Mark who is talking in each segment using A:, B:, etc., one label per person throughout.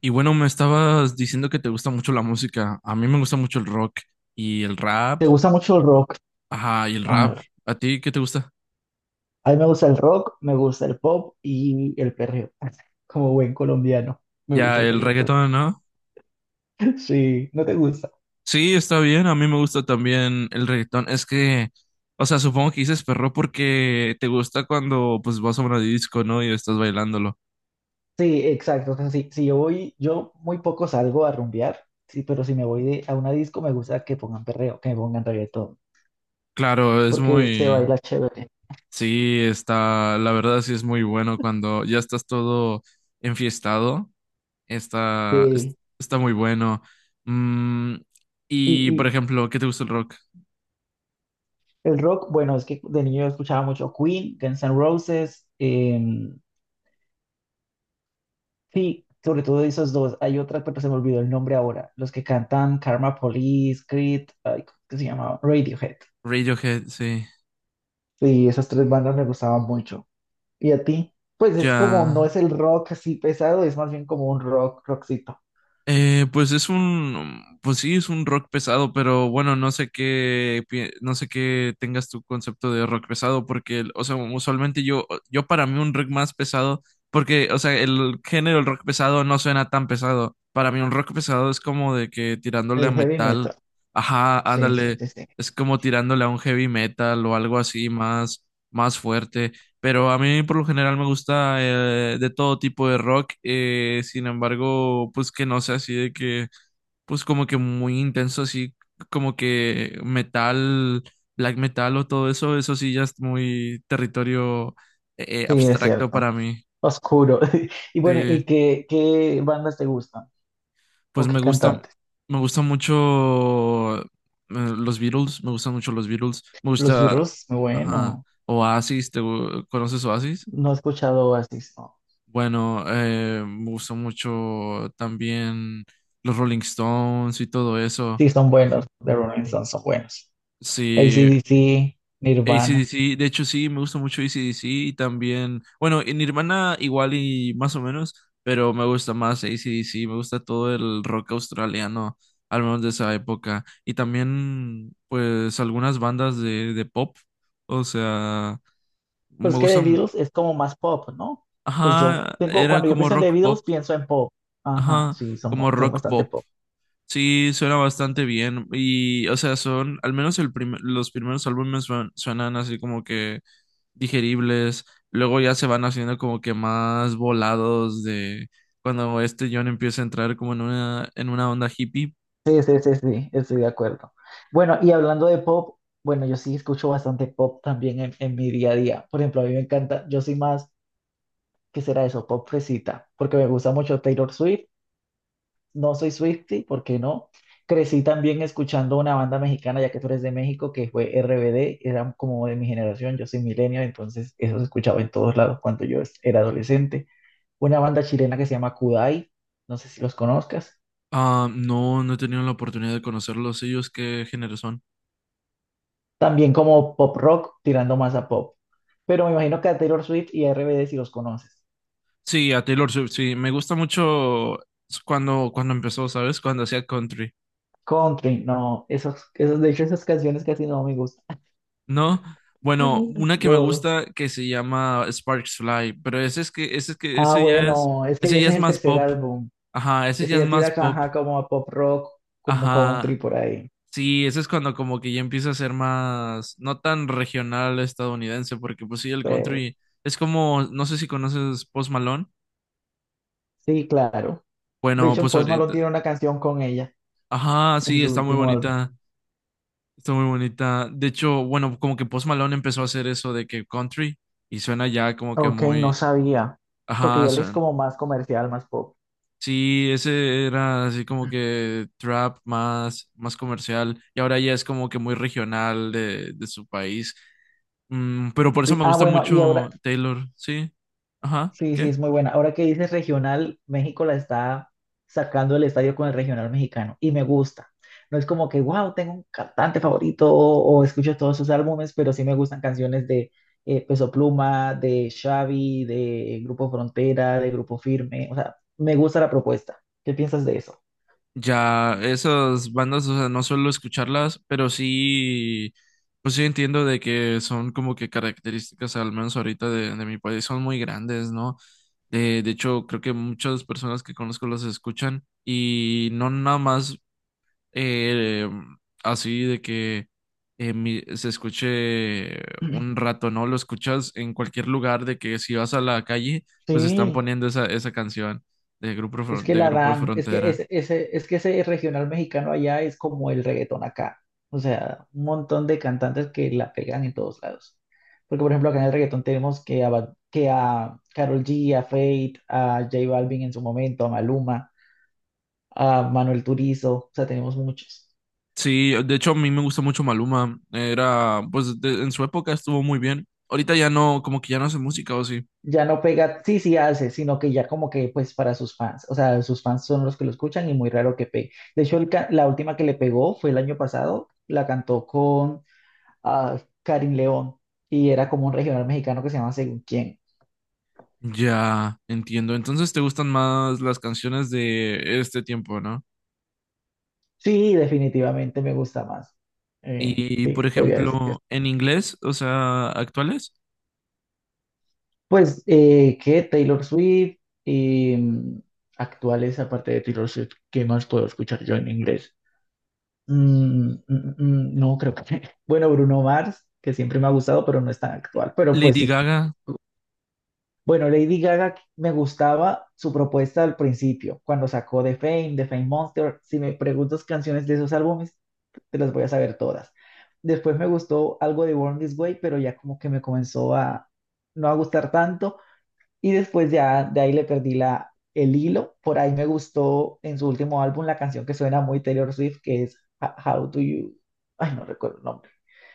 A: Y bueno, me estabas diciendo que te gusta mucho la música. A mí me gusta mucho el rock y el rap.
B: ¿Te gusta mucho el rock?
A: Ajá, y el
B: A
A: rap.
B: ver,
A: ¿A ti qué te gusta?
B: a mí me gusta el rock, me gusta el pop y el perreo. Como buen colombiano, me
A: Ya,
B: gusta el
A: el
B: reggaetón.
A: reggaetón, ¿no?
B: Sí, ¿no te gusta?
A: Sí, está bien. A mí me gusta también el reggaetón. Es que, o sea, supongo que dices perro porque te gusta cuando pues vas a una disco, ¿no? Y estás bailándolo.
B: Sí, exacto. O sea, si yo voy, yo muy poco salgo a rumbear, sí, pero si a una disco me gusta que pongan perreo, que me pongan reggaetón,
A: Claro, es
B: porque se
A: muy.
B: baila chévere.
A: Sí, está. La verdad sí es muy bueno cuando ya estás todo enfiestado.
B: Sí,
A: Está muy bueno. Mm,
B: y,
A: y, por
B: y
A: ejemplo, ¿qué te gusta el rock?
B: el rock, bueno, es que de niño yo escuchaba mucho Queen, Guns N' Roses, sí, sobre todo de esos dos. Hay otra, pero se me olvidó el nombre ahora. Los que cantan Karma Police, Creed, ay, ¿cómo se llamaba? Radiohead.
A: Radiohead, sí.
B: Sí, esas tres bandas me gustaban mucho. ¿Y a ti? Pues es como, no
A: Ya.
B: es el rock así pesado, es más bien como un rock, rockcito.
A: Pues sí, es un rock pesado, pero bueno, no sé qué tengas tu concepto de rock pesado, porque, o sea, usualmente yo para mí un rock más pesado, porque, o sea, el género del rock pesado no suena tan pesado. Para mí un rock pesado es como de que tirándole a
B: El heavy
A: metal,
B: metal.
A: ajá,
B: Sí, sí,
A: ándale,
B: sí, sí.
A: es como tirándole a un heavy metal o algo así más, más fuerte. Pero a mí por lo general me gusta de todo tipo de rock, sin embargo, pues que no sea así de que, pues como que muy intenso, así como que metal, black metal o todo eso, eso sí ya es muy territorio
B: Sí, es
A: abstracto
B: cierto.
A: para mí.
B: Oscuro. Y bueno, ¿y
A: Sí,
B: qué bandas te gustan? ¿O
A: pues
B: qué cantantes?
A: me gusta mucho los Beatles, me gustan mucho los Beatles, me
B: Los
A: gusta,
B: Beatles,
A: ajá,
B: bueno,
A: Oasis, ¿Conoces Oasis?
B: no he escuchado Oasis, no.
A: Bueno, me gustó mucho también los Rolling Stones y todo eso.
B: Sí, son buenos, The Rolling Stones son buenos.
A: Sí,
B: AC/DC, Nirvana.
A: AC/DC, de hecho sí, me gusta mucho AC/DC y también, bueno, en Nirvana igual y más o menos, pero me gusta más AC/DC, me gusta todo el rock australiano, al menos de esa época. Y también, pues, algunas bandas de pop, o sea,
B: Pero
A: me
B: es que The
A: gustan,
B: Beatles es como más pop, ¿no? Pues yo
A: ajá,
B: tengo,
A: era
B: cuando yo
A: como
B: pienso en The
A: rock
B: Beatles,
A: pop,
B: pienso en pop. Ajá,
A: ajá,
B: sí, son,
A: como
B: son
A: rock
B: bastante
A: pop.
B: pop.
A: Sí, suena bastante bien. Y, o sea, son, al menos los primeros álbumes suenan así como que digeribles. Luego ya se van haciendo como que más volados de cuando este John empieza a entrar como en una onda hippie.
B: Sí, sí, sí, sí, estoy de acuerdo. Bueno, y hablando de pop, bueno, yo sí escucho bastante pop también en mi día a día. Por ejemplo, a mí me encanta, yo soy más, ¿qué será eso? Pop fresita, porque me gusta mucho Taylor Swift, no soy Swiftie, ¿por qué no? Crecí también escuchando una banda mexicana, ya que tú eres de México, que fue RBD, era como de mi generación, yo soy millennial, entonces eso se escuchaba en todos lados cuando era adolescente. Una banda chilena que se llama Kudai, no sé si los conozcas.
A: Ah, no, no he tenido la oportunidad de conocerlos. ¿Ellos qué género son?
B: También como pop rock, tirando más a pop. Pero me imagino que a Taylor Swift y a RBD si los conoces.
A: Sí, a Taylor Swift, sí. Me gusta mucho cuando empezó, ¿sabes? Cuando hacía country.
B: Country, no, esos, esos, de hecho esas canciones casi no me gustan.
A: No, bueno, una que me
B: No.
A: gusta que se llama Sparks Fly, pero
B: Ah,
A: ese ya es,
B: bueno, es que
A: ese
B: ese es
A: ya es
B: el
A: más
B: tercer
A: pop.
B: álbum.
A: Ajá, ese
B: Ese
A: ya es
B: ya tira,
A: más pop.
B: ajá, como a pop rock, como country
A: Ajá.
B: por ahí.
A: Sí, ese es cuando como que ya empieza a ser más, no tan regional estadounidense, porque pues sí, el
B: Eh,
A: country es como, no sé si conoces Post Malone.
B: sí, claro. De
A: Bueno,
B: hecho,
A: pues
B: Post Malone
A: ahorita.
B: tiene una canción con ella
A: Ajá,
B: en
A: sí,
B: su
A: está muy
B: último álbum.
A: bonita. Está muy bonita. De hecho, bueno, como que Post Malone empezó a hacer eso de que country y suena ya como que
B: Ok, no
A: muy.
B: sabía, porque
A: Ajá,
B: ya él es
A: suena.
B: como más comercial, más pop.
A: Sí, ese era así como que trap más, más comercial y ahora ya es como que muy regional de su país. Pero por eso
B: Sí,
A: me
B: ah,
A: gusta
B: bueno, y ahora
A: mucho Taylor, sí. Ajá,
B: sí, sí,
A: ¿qué?
B: es muy buena. Ahora que dices regional, México la está sacando del estadio con el regional mexicano y me gusta. No es como que, wow, tengo un cantante favorito o escucho todos sus álbumes, pero sí me gustan canciones de Peso Pluma, de Xavi, de Grupo Frontera, de Grupo Firme. O sea, me gusta la propuesta. ¿Qué piensas de eso?
A: Ya, esas bandas, o sea, no suelo escucharlas, pero sí, pues sí entiendo de que son como que características, al menos ahorita de mi país, son muy grandes, ¿no? De hecho, creo que muchas personas que conozco las escuchan y no nada más eh, así de que se escuche un rato, ¿no? Lo escuchas en cualquier lugar de que si vas a la calle, pues están
B: Sí,
A: poniendo esa canción
B: es que
A: De
B: la
A: Grupo de
B: dan, es que
A: Frontera.
B: ese, es que ese regional mexicano allá es como el reggaetón acá. O sea, un montón de cantantes que la pegan en todos lados. Porque, por ejemplo, acá en el reggaetón tenemos que a, que a Karol G, a Fate, a J Balvin en su momento, a Maluma, a Manuel Turizo. O sea, tenemos muchos.
A: Sí, de hecho a mí me gusta mucho Maluma. Era, pues en su época estuvo muy bien. Ahorita ya no, como que ya no hace música o sí.
B: Ya no pega, sí, sí hace, sino que ya como que, pues, para sus fans. O sea, sus fans son los que lo escuchan y muy raro que pegue. De hecho, la última que le pegó fue el año pasado. La cantó con a Karim León y era como un regional mexicano que se llama Según quién.
A: Ya, entiendo. Entonces te gustan más las canciones de este tiempo, ¿no?
B: Sí, definitivamente me gusta más.
A: Y, por
B: Podría decir que sí.
A: ejemplo, en inglés, o sea, actuales.
B: Pues, ¿qué? Taylor Swift y actuales, aparte de Taylor Swift, ¿qué más puedo escuchar yo en inglés? No, creo que... Bueno, Bruno Mars, que siempre me ha gustado, pero no es tan actual, pero pues
A: Lady
B: sí.
A: Gaga,
B: Bueno, Lady Gaga me gustaba su propuesta al principio, cuando sacó The Fame, The Fame Monster. Si me preguntas canciones de esos álbumes, te las voy a saber todas. Después me gustó algo de Born This Way, pero ya como que me comenzó a no a gustar tanto. Y después ya de ahí le perdí la, el hilo. Por ahí me gustó en su último álbum la canción que suena muy Taylor Swift, que es How Do You... Ay, no recuerdo el nombre,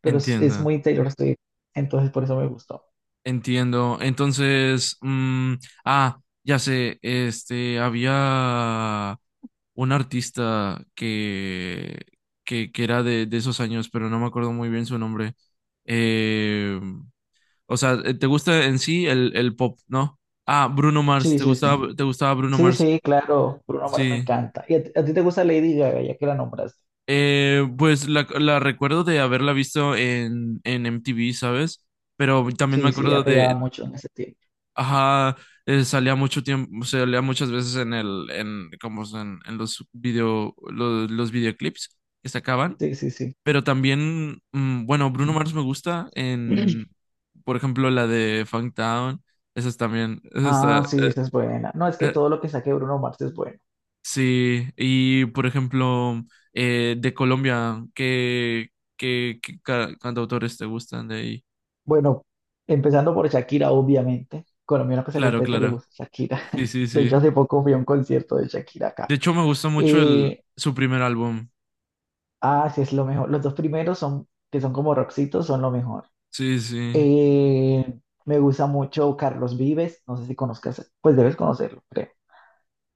B: pero es
A: entiendo,
B: muy Taylor Swift. Entonces por eso me gustó.
A: entiendo. Entonces, ah, ya sé, este, había un artista que era de esos años, pero no me acuerdo muy bien su nombre. Eh, o sea, ¿te gusta en sí el pop, no? Ah, Bruno Mars,
B: Sí,
A: ¿te
B: sí, sí.
A: gustaba, te gustaba Bruno
B: Sí, sí,
A: Mars?
B: claro, Bruno Mars me
A: Sí.
B: encanta. ¿Y a ti te gusta Lady Gaga, ya que la nombraste?
A: Pues la recuerdo de haberla visto en MTV, ¿sabes? Pero también me
B: Sí, sí,
A: acuerdo
B: ella pegaba
A: de.
B: mucho en ese tiempo.
A: Ajá, salía mucho tiempo, salía muchas veces como es en los videoclips que sacaban,
B: Sí, sí, sí.
A: pero también, bueno, Bruno Mars me gusta por ejemplo, la de Funktown, esa es también, esa está,
B: Ah, sí, esa es buena. No, es que
A: eh,
B: todo lo que saque Bruno Mars es bueno.
A: sí, y por ejemplo, de Colombia, ¿Qué cantautores te gustan de ahí?
B: Bueno, empezando por Shakira, obviamente. Colombiano que se
A: Claro,
B: respete le
A: claro,
B: gusta Shakira.
A: sí, sí,
B: De hecho,
A: sí.
B: hace poco fui a un concierto de Shakira acá.
A: De hecho, me gustó mucho
B: Eh,
A: su primer álbum.
B: ah, sí, es lo mejor. Los dos primeros son, que son como rockcitos, son lo mejor.
A: Sí, sí.
B: Eh, me gusta mucho Carlos Vives. No sé si conozcas, pues debes conocerlo, creo.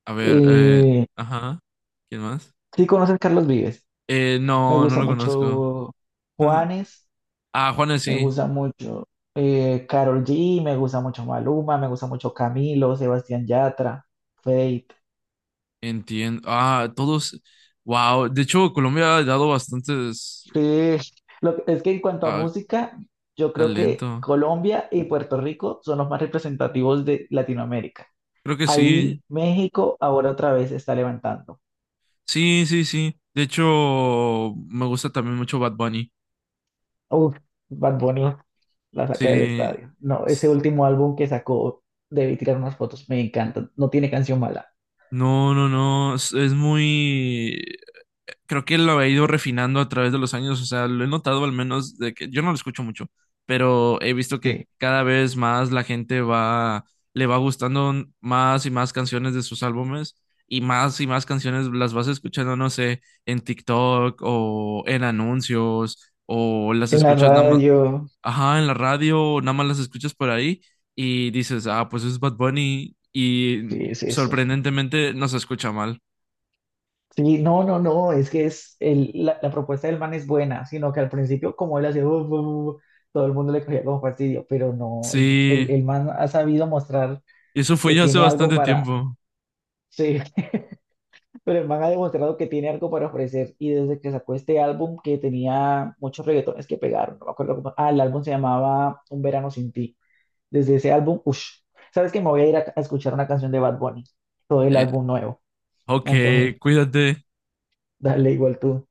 A: A ver,
B: Eh,
A: ajá. ¿Quién más?
B: sí conoces Carlos Vives. Me
A: No, no
B: gusta
A: lo conozco.
B: mucho Juanes,
A: Ah, Juanes
B: me
A: sí,
B: gusta mucho Karol G, me gusta mucho Maluma, me gusta mucho Camilo, Sebastián Yatra, Fate.
A: entiendo. Ah, todos. Wow, de hecho, Colombia ha dado bastantes
B: Sí, es que en cuanto a
A: ah,
B: música, yo creo que
A: talento.
B: Colombia y Puerto Rico son los más representativos de Latinoamérica.
A: Creo que sí.
B: Ahí México ahora otra vez se está levantando.
A: Sí, sí, sí. De hecho, me gusta también mucho Bad Bunny.
B: Uf, Bad Bunny la saca del
A: Sí.
B: estadio. No, ese
A: S-
B: último álbum que sacó, debí tirar unas fotos, me encanta. No tiene canción mala.
A: No, no, no. Es muy. Creo que lo he ido refinando a través de los años, o sea, lo he notado al menos de que yo no lo escucho mucho, pero he visto que
B: Sí.
A: cada vez más la gente va, le va gustando más y más canciones de sus álbumes y más canciones las vas escuchando, no sé, en TikTok o en anuncios o las
B: En la
A: escuchas nada más,
B: radio,
A: ajá, en la radio o nada más las escuchas por ahí y dices, ah, pues es Bad Bunny y
B: sí, es eso.
A: sorprendentemente no se escucha mal.
B: Sí, no, no, no, es que es la propuesta del man es buena, sino que al principio, como él hacía, todo el mundo le cogía como fastidio, pero no,
A: Sí.
B: el man ha sabido mostrar
A: Eso fue
B: que
A: ya hace
B: tiene algo
A: bastante
B: para.
A: tiempo.
B: Sí, pero el man ha demostrado que tiene algo para ofrecer y desde que sacó este álbum que tenía muchos reggaetones que pegaron, no me acuerdo cómo, ah, el álbum se llamaba Un verano sin ti. Desde ese álbum, uff, ¿sabes que Me voy a ir a escuchar una canción de Bad Bunny, todo el
A: Eh,
B: álbum nuevo, me
A: ok,
B: antojé,
A: cuídate.
B: dale igual tú.